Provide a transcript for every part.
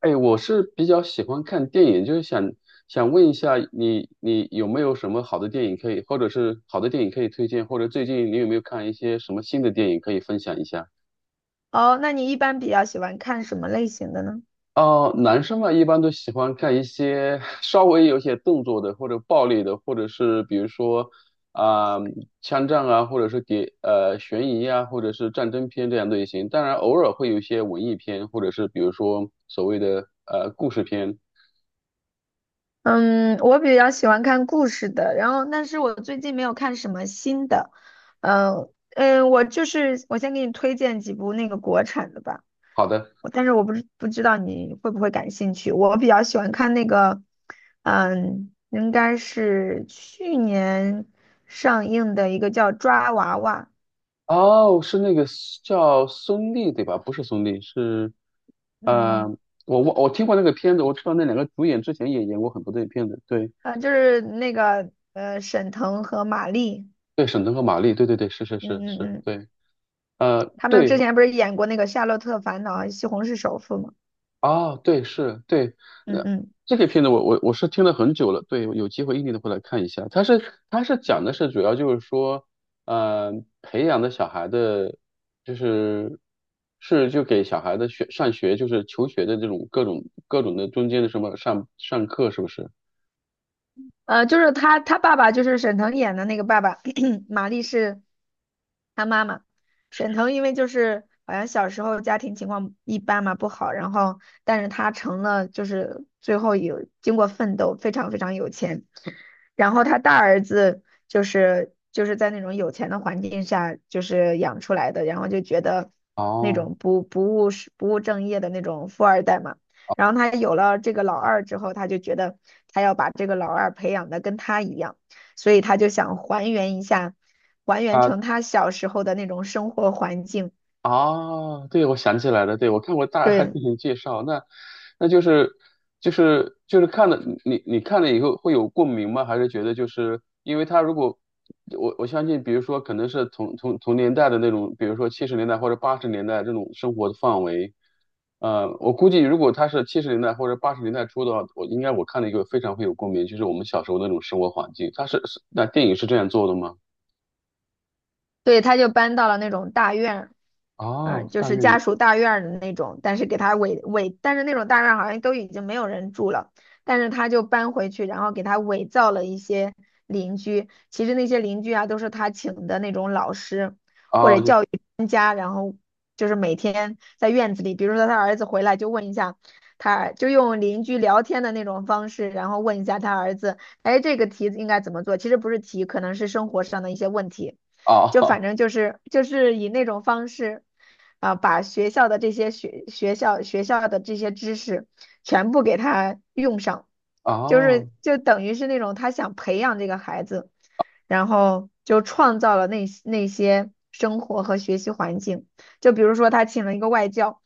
哎，我是比较喜欢看电影，就是想问一下你有没有什么好的电影可以，或者是好的电影可以推荐，或者最近你有没有看一些什么新的电影可以分享一下？哦，那你一般比较喜欢看什么类型的呢？哦，男生嘛，一般都喜欢看一些 稍微有些动作的，或者暴力的，或者是比如说啊、枪战啊，或者是悬疑啊，或者是战争片这样类型。当然，偶尔会有一些文艺片，或者是比如说所谓的故事片。嗯，我比较喜欢看故事的，然后但是我最近没有看什么新的。嗯嗯，我就是我先给你推荐几部那个国产的吧，好的。但是我不知道你会不会感兴趣。我比较喜欢看那个，应该是去年上映的一个叫《抓娃娃》，哦，是那个 叫孙俪对吧？不是孙俪，是呃，嗯，我听过那个片子，我知道那两个主演之前也演过很多的片子，对就是那个沈腾和马丽，对，沈腾和马丽，对对对，是是嗯是嗯是，嗯。对，他们之对，前不是演过那个《夏洛特烦恼》《西红柿首富》吗？哦，对，是，对，嗯呃，嗯，这个片子我是听了很久了，对，有机会一定得会来看一下。它是讲的是主要就是说，呃，培养的小孩的，就是就给小孩的学上学就是求学的这种各种的中间的什么上课是不是？就是他爸爸就是沈腾演的那个爸爸，玛丽是他妈妈。沈腾因为就是好像小时候家庭情况一般嘛，不好，然后但是他成了就是最后有经过奋斗，非常非常有钱。然后他大儿子就是在那种有钱的环境下就是养出来的，然后就觉得那哦。种不务实不务正业的那种富二代嘛。然后他有了这个老二之后，他就觉得他要把这个老二培养的跟他一样，所以他就想还原一下，还原成他小时候的那种生活环境。啊，对，我想起来了，对，我看过大概对，进行介绍，那就是就是看了你看了以后会有共鸣吗？还是觉得就是因为他如果我相信，比如说可能是同年代的那种，比如说七十年代或者八十年代这种生活的范围，我估计如果他是七十年代或者八十年代初的话，我应该我看了一个非常会有共鸣，就是我们小时候那种生活环境，他是那电影是这样做的吗？对，他就搬到了那种大院儿，哦，就大是院里，家属大院儿的那种，但是给他伪伪，但是那种大院儿好像都已经没有人住了，但是他就搬回去，然后给他伪造了一些邻居，其实那些邻居啊都是他请的那种老师或哦者就教育专家，然后就是每天在院子里，比如说他儿子回来就问一下他，就用邻居聊天的那种方式，然后问一下他儿子，哎，这个题应该怎么做？其实不是题，可能是生活上的一些问题。就哦 反正就是以那种方式啊，把学校的这些学校的这些知识全部给他用上，就哦。是就等于是那种他想培养这个孩子，然后就创造了那些生活和学习环境，就比如说他请了一个外教。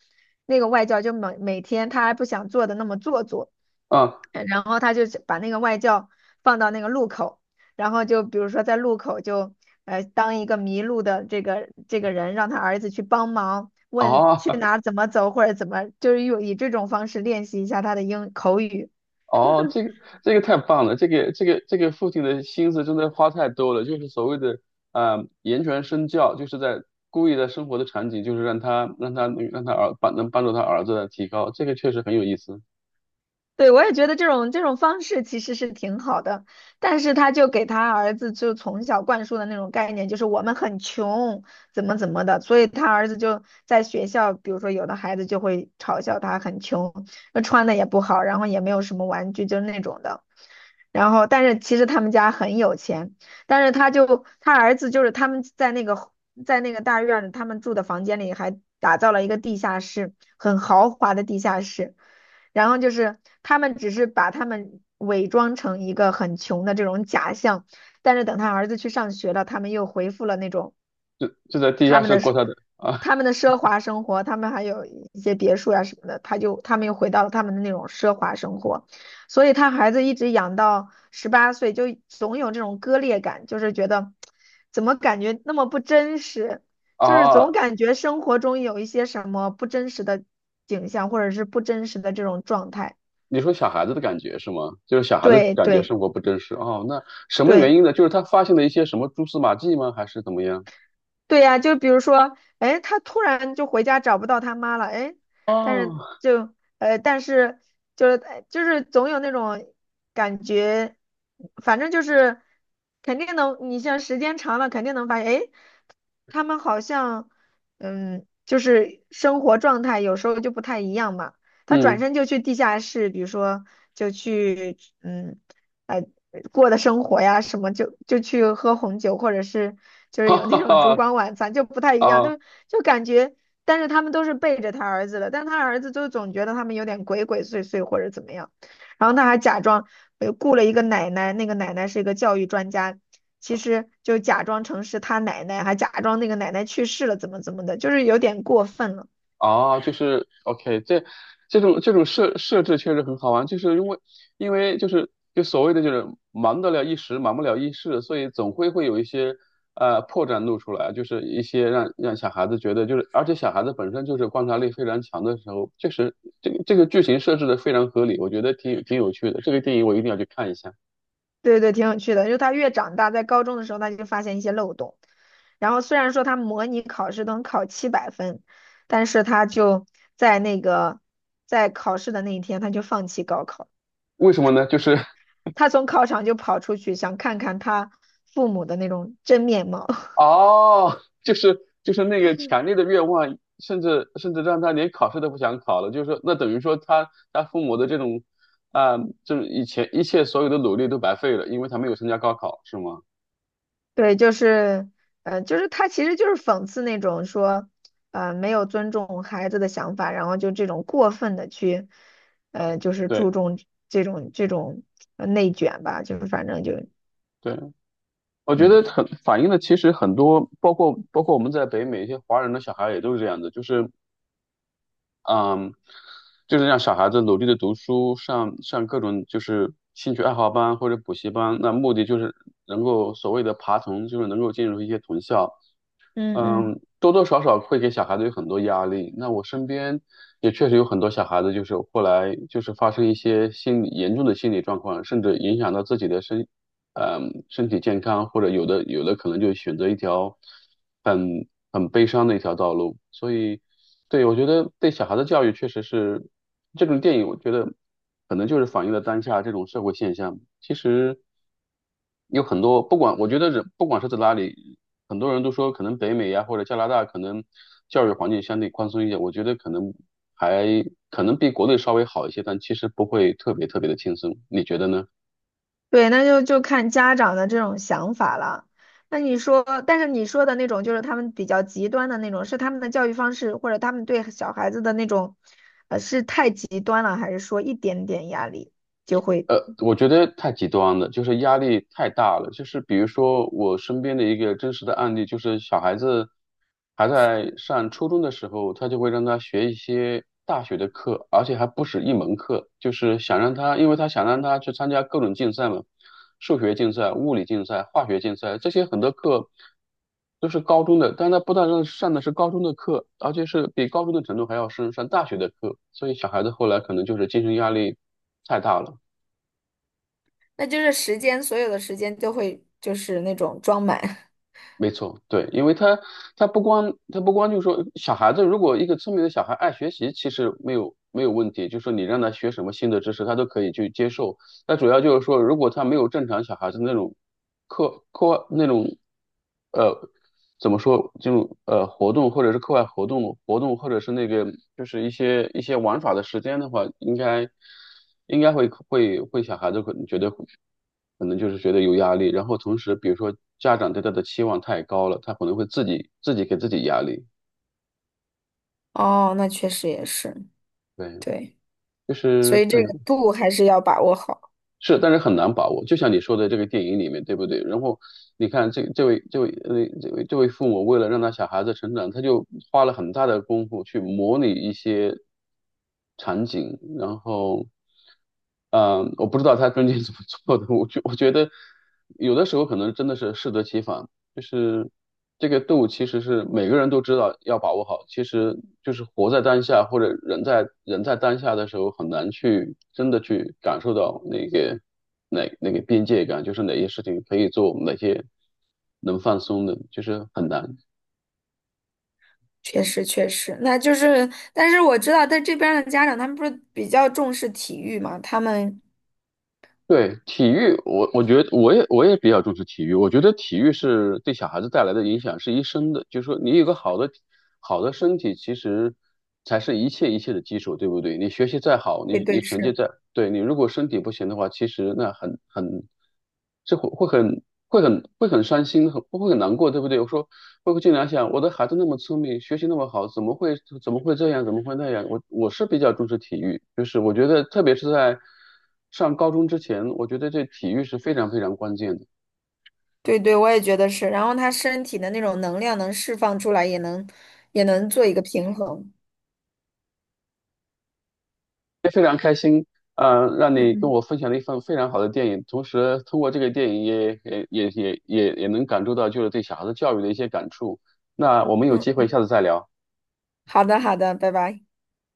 那个外教就每天他还不想做的那么做作，啊，然后他就把那个外教放到那个路口，然后就比如说在路口就当一个迷路的这个人，让他儿子去帮忙，问哦去哪儿怎么走或者怎么，就是用以这种方式练习一下他的英口语。哦，这个太棒了，这个父亲的心思真的花太多了，就是所谓的啊言传身教，就是在故意在生活的场景，就是让帮助他儿子来提高，这个确实很有意思，对，我也觉得这种方式其实是挺好的，但是他就给他儿子就从小灌输的那种概念，就是我们很穷，怎么怎么的，所以他儿子就在学校，比如说有的孩子就会嘲笑他很穷，那穿的也不好，然后也没有什么玩具，就是那种的。然后，但是其实他们家很有钱，但是他儿子就是他们在那个大院里，他们住的房间里还打造了一个地下室，很豪华的地下室。然后就是他们只是把他们伪装成一个很穷的这种假象，但是等他儿子去上学了，他们又恢复了那种就在地他下们室的过奢他的啊他们的奢华生活，他们还有一些别墅呀、什么的，他们又回到了他们的那种奢华生活，所以他孩子一直养到18岁，就总有这种割裂感，就是觉得怎么感觉那么不真实，就是啊，总感觉生活中有一些什么不真实的景象，或者是不真实的这种状态。你说小孩子的感觉是吗？就是小孩子对感觉对生活不真实哦，那什么原对因呢？就是他发现了一些什么蛛丝马迹吗？还是怎么样？对呀、就比如说，哎，他突然就回家找不到他妈了，哎，但是哦，就呃，但是就是就是总有那种感觉，反正就是肯定能，你像时间长了，肯定能发现，哎，他们好像就是生活状态有时候就不太一样嘛。他转嗯，身就去地下室，比如说就去哎过的生活呀什么，就去喝红酒，或者是就 是哈有哈那种烛哈光晚餐，就不太一样，啊。就感觉，但是他们都是背着他儿子的，但他儿子就总觉得他们有点鬼鬼祟祟或者怎么样，然后他还假装雇了一个奶奶，那个奶奶是一个教育专家。其实就假装成是他奶奶，还假装那个奶奶去世了，怎么怎么的，就是有点过分了。啊，就是 OK，这种设置确实很好玩，就是因为就是所谓的就是忙得了一时，忙不了一世，所以总会有一些破绽露出来，就是一些让小孩子觉得就是，而且小孩子本身就是观察力非常强的时候，确实这个剧情设置的非常合理，我觉得挺有趣的，这个电影我一定要去看一下。对对，挺有趣的。就他越长大，在高中的时候，他就发现一些漏洞。然后虽然说他模拟考试能考700分，但是他就在那个在考试的那一天，他就放弃高考，为什么呢？就是 他从考场就跑出去，想看看他父母的那种真面貌。哦，就是那个强烈的愿望，甚至让他连考试都不想考了，就是说，那等于说他父母的这种啊、就是以前一切所有的努力都白费了，因为他没有参加高考，是吗？对，就是，就是他其实就是讽刺那种说，没有尊重孩子的想法，然后就这种过分的去，就是对注重这种内卷吧，就是反正就，对，我觉嗯得很反映了其实很多，包括我们在北美一些华人的小孩也都是这样的，就是嗯，就是让小孩子努力的读书，上各种就是兴趣爱好班或者补习班，那目的就是能够所谓的爬藤，就是能够进入一些藤校。嗯嗯，嗯，多多少少会给小孩子有很多压力。那我身边也确实有很多小孩子，就是后来就是发生一些心理严重的心理状况，甚至影响到自己的身体健康，或者有的可能就选择一条很悲伤的一条道路。所以，对，我觉得对小孩的教育确实是这种电影，我觉得可能就是反映了当下这种社会现象。其实有很多，不管我觉得人不管是在哪里，很多人都说可能北美呀或者加拿大可能教育环境相对宽松一点，我觉得可能还可能比国内稍微好一些，但其实不会特别特别的轻松。你觉得呢？对，那就看家长的这种想法了。那你说，但是你说的那种就是他们比较极端的那种，是他们的教育方式，或者他们对小孩子的那种，是太极端了，还是说一点点压力？就会？呃，我觉得太极端了，就是压力太大了。就是比如说，我身边的一个真实的案例，就是小孩子还在上初中的时候，他就会让他学一些大学的课，而且还不止一门课，就是想让他，因为他想让他去参加各种竞赛嘛，数学竞赛、物理竞赛、化学竞赛，这些很多课都是高中的，但他不但是上的是高中的课，而且是比高中的程度还要深，上大学的课，所以小孩子后来可能就是精神压力太大了。那就是时间，所有的时间都会就是那种装满。没错，对，因为他不光就是说小孩子，如果一个聪明的小孩爱学习，其实没有问题，就是说你让他学什么新的知识，他都可以去接受。那主要就是说，如果他没有正常小孩子那种课外那种呃怎么说就活动或者是课外活动或者是那个就是一些玩耍的时间的话，应该会小孩子可能觉得可能就是觉得有压力，然后同时比如说家长对他的期望太高了，他可能会自己给自己压力，哦，那确实也是，对，对，就所是以对。这个度还是要把握好。是，但是很难把握。就像你说的这个电影里面，对不对？然后你看这位父母为了让他小孩子成长，他就花了很大的功夫去模拟一些场景，然后，嗯、我不知道他中间怎么做的。我觉得有的时候可能真的是适得其反。就是这个度，其实是每个人都知道要把握好。其实就是活在当下，或者人在当下的时候，很难去真的去感受到那个哪那个边界感，就是哪些事情可以做，哪些能放松的，就是很难。确实，确实，那就是，但是我知道在这边儿的家长，他们不是比较重视体育嘛，他们，对，体育，我觉得我也比较重视体育。我觉得体育是对小孩子带来的影响是一生的，就是说你有个好的身体，其实才是一切的基础，对不对？你学习再好，对你对成绩是，再，对，你如果身体不行的话，其实那很很，这会很伤心，很难过，对不对？我说包括经常想，我的孩子那么聪明，学习那么好，怎么会这样，怎么会那样？我是比较重视体育，就是我觉得特别是在上高中之前，我觉得这体育是非常非常关键的。对对，我也觉得是。然后他身体的那种能量能释放出来，也能做一个平衡。啊，让你跟嗯我分享了一份非常好的电影，同时通过这个电影也能感受到就是对小孩子教育的一些感触。那我们有嗯机会嗯，下次再聊。好的好的，拜拜。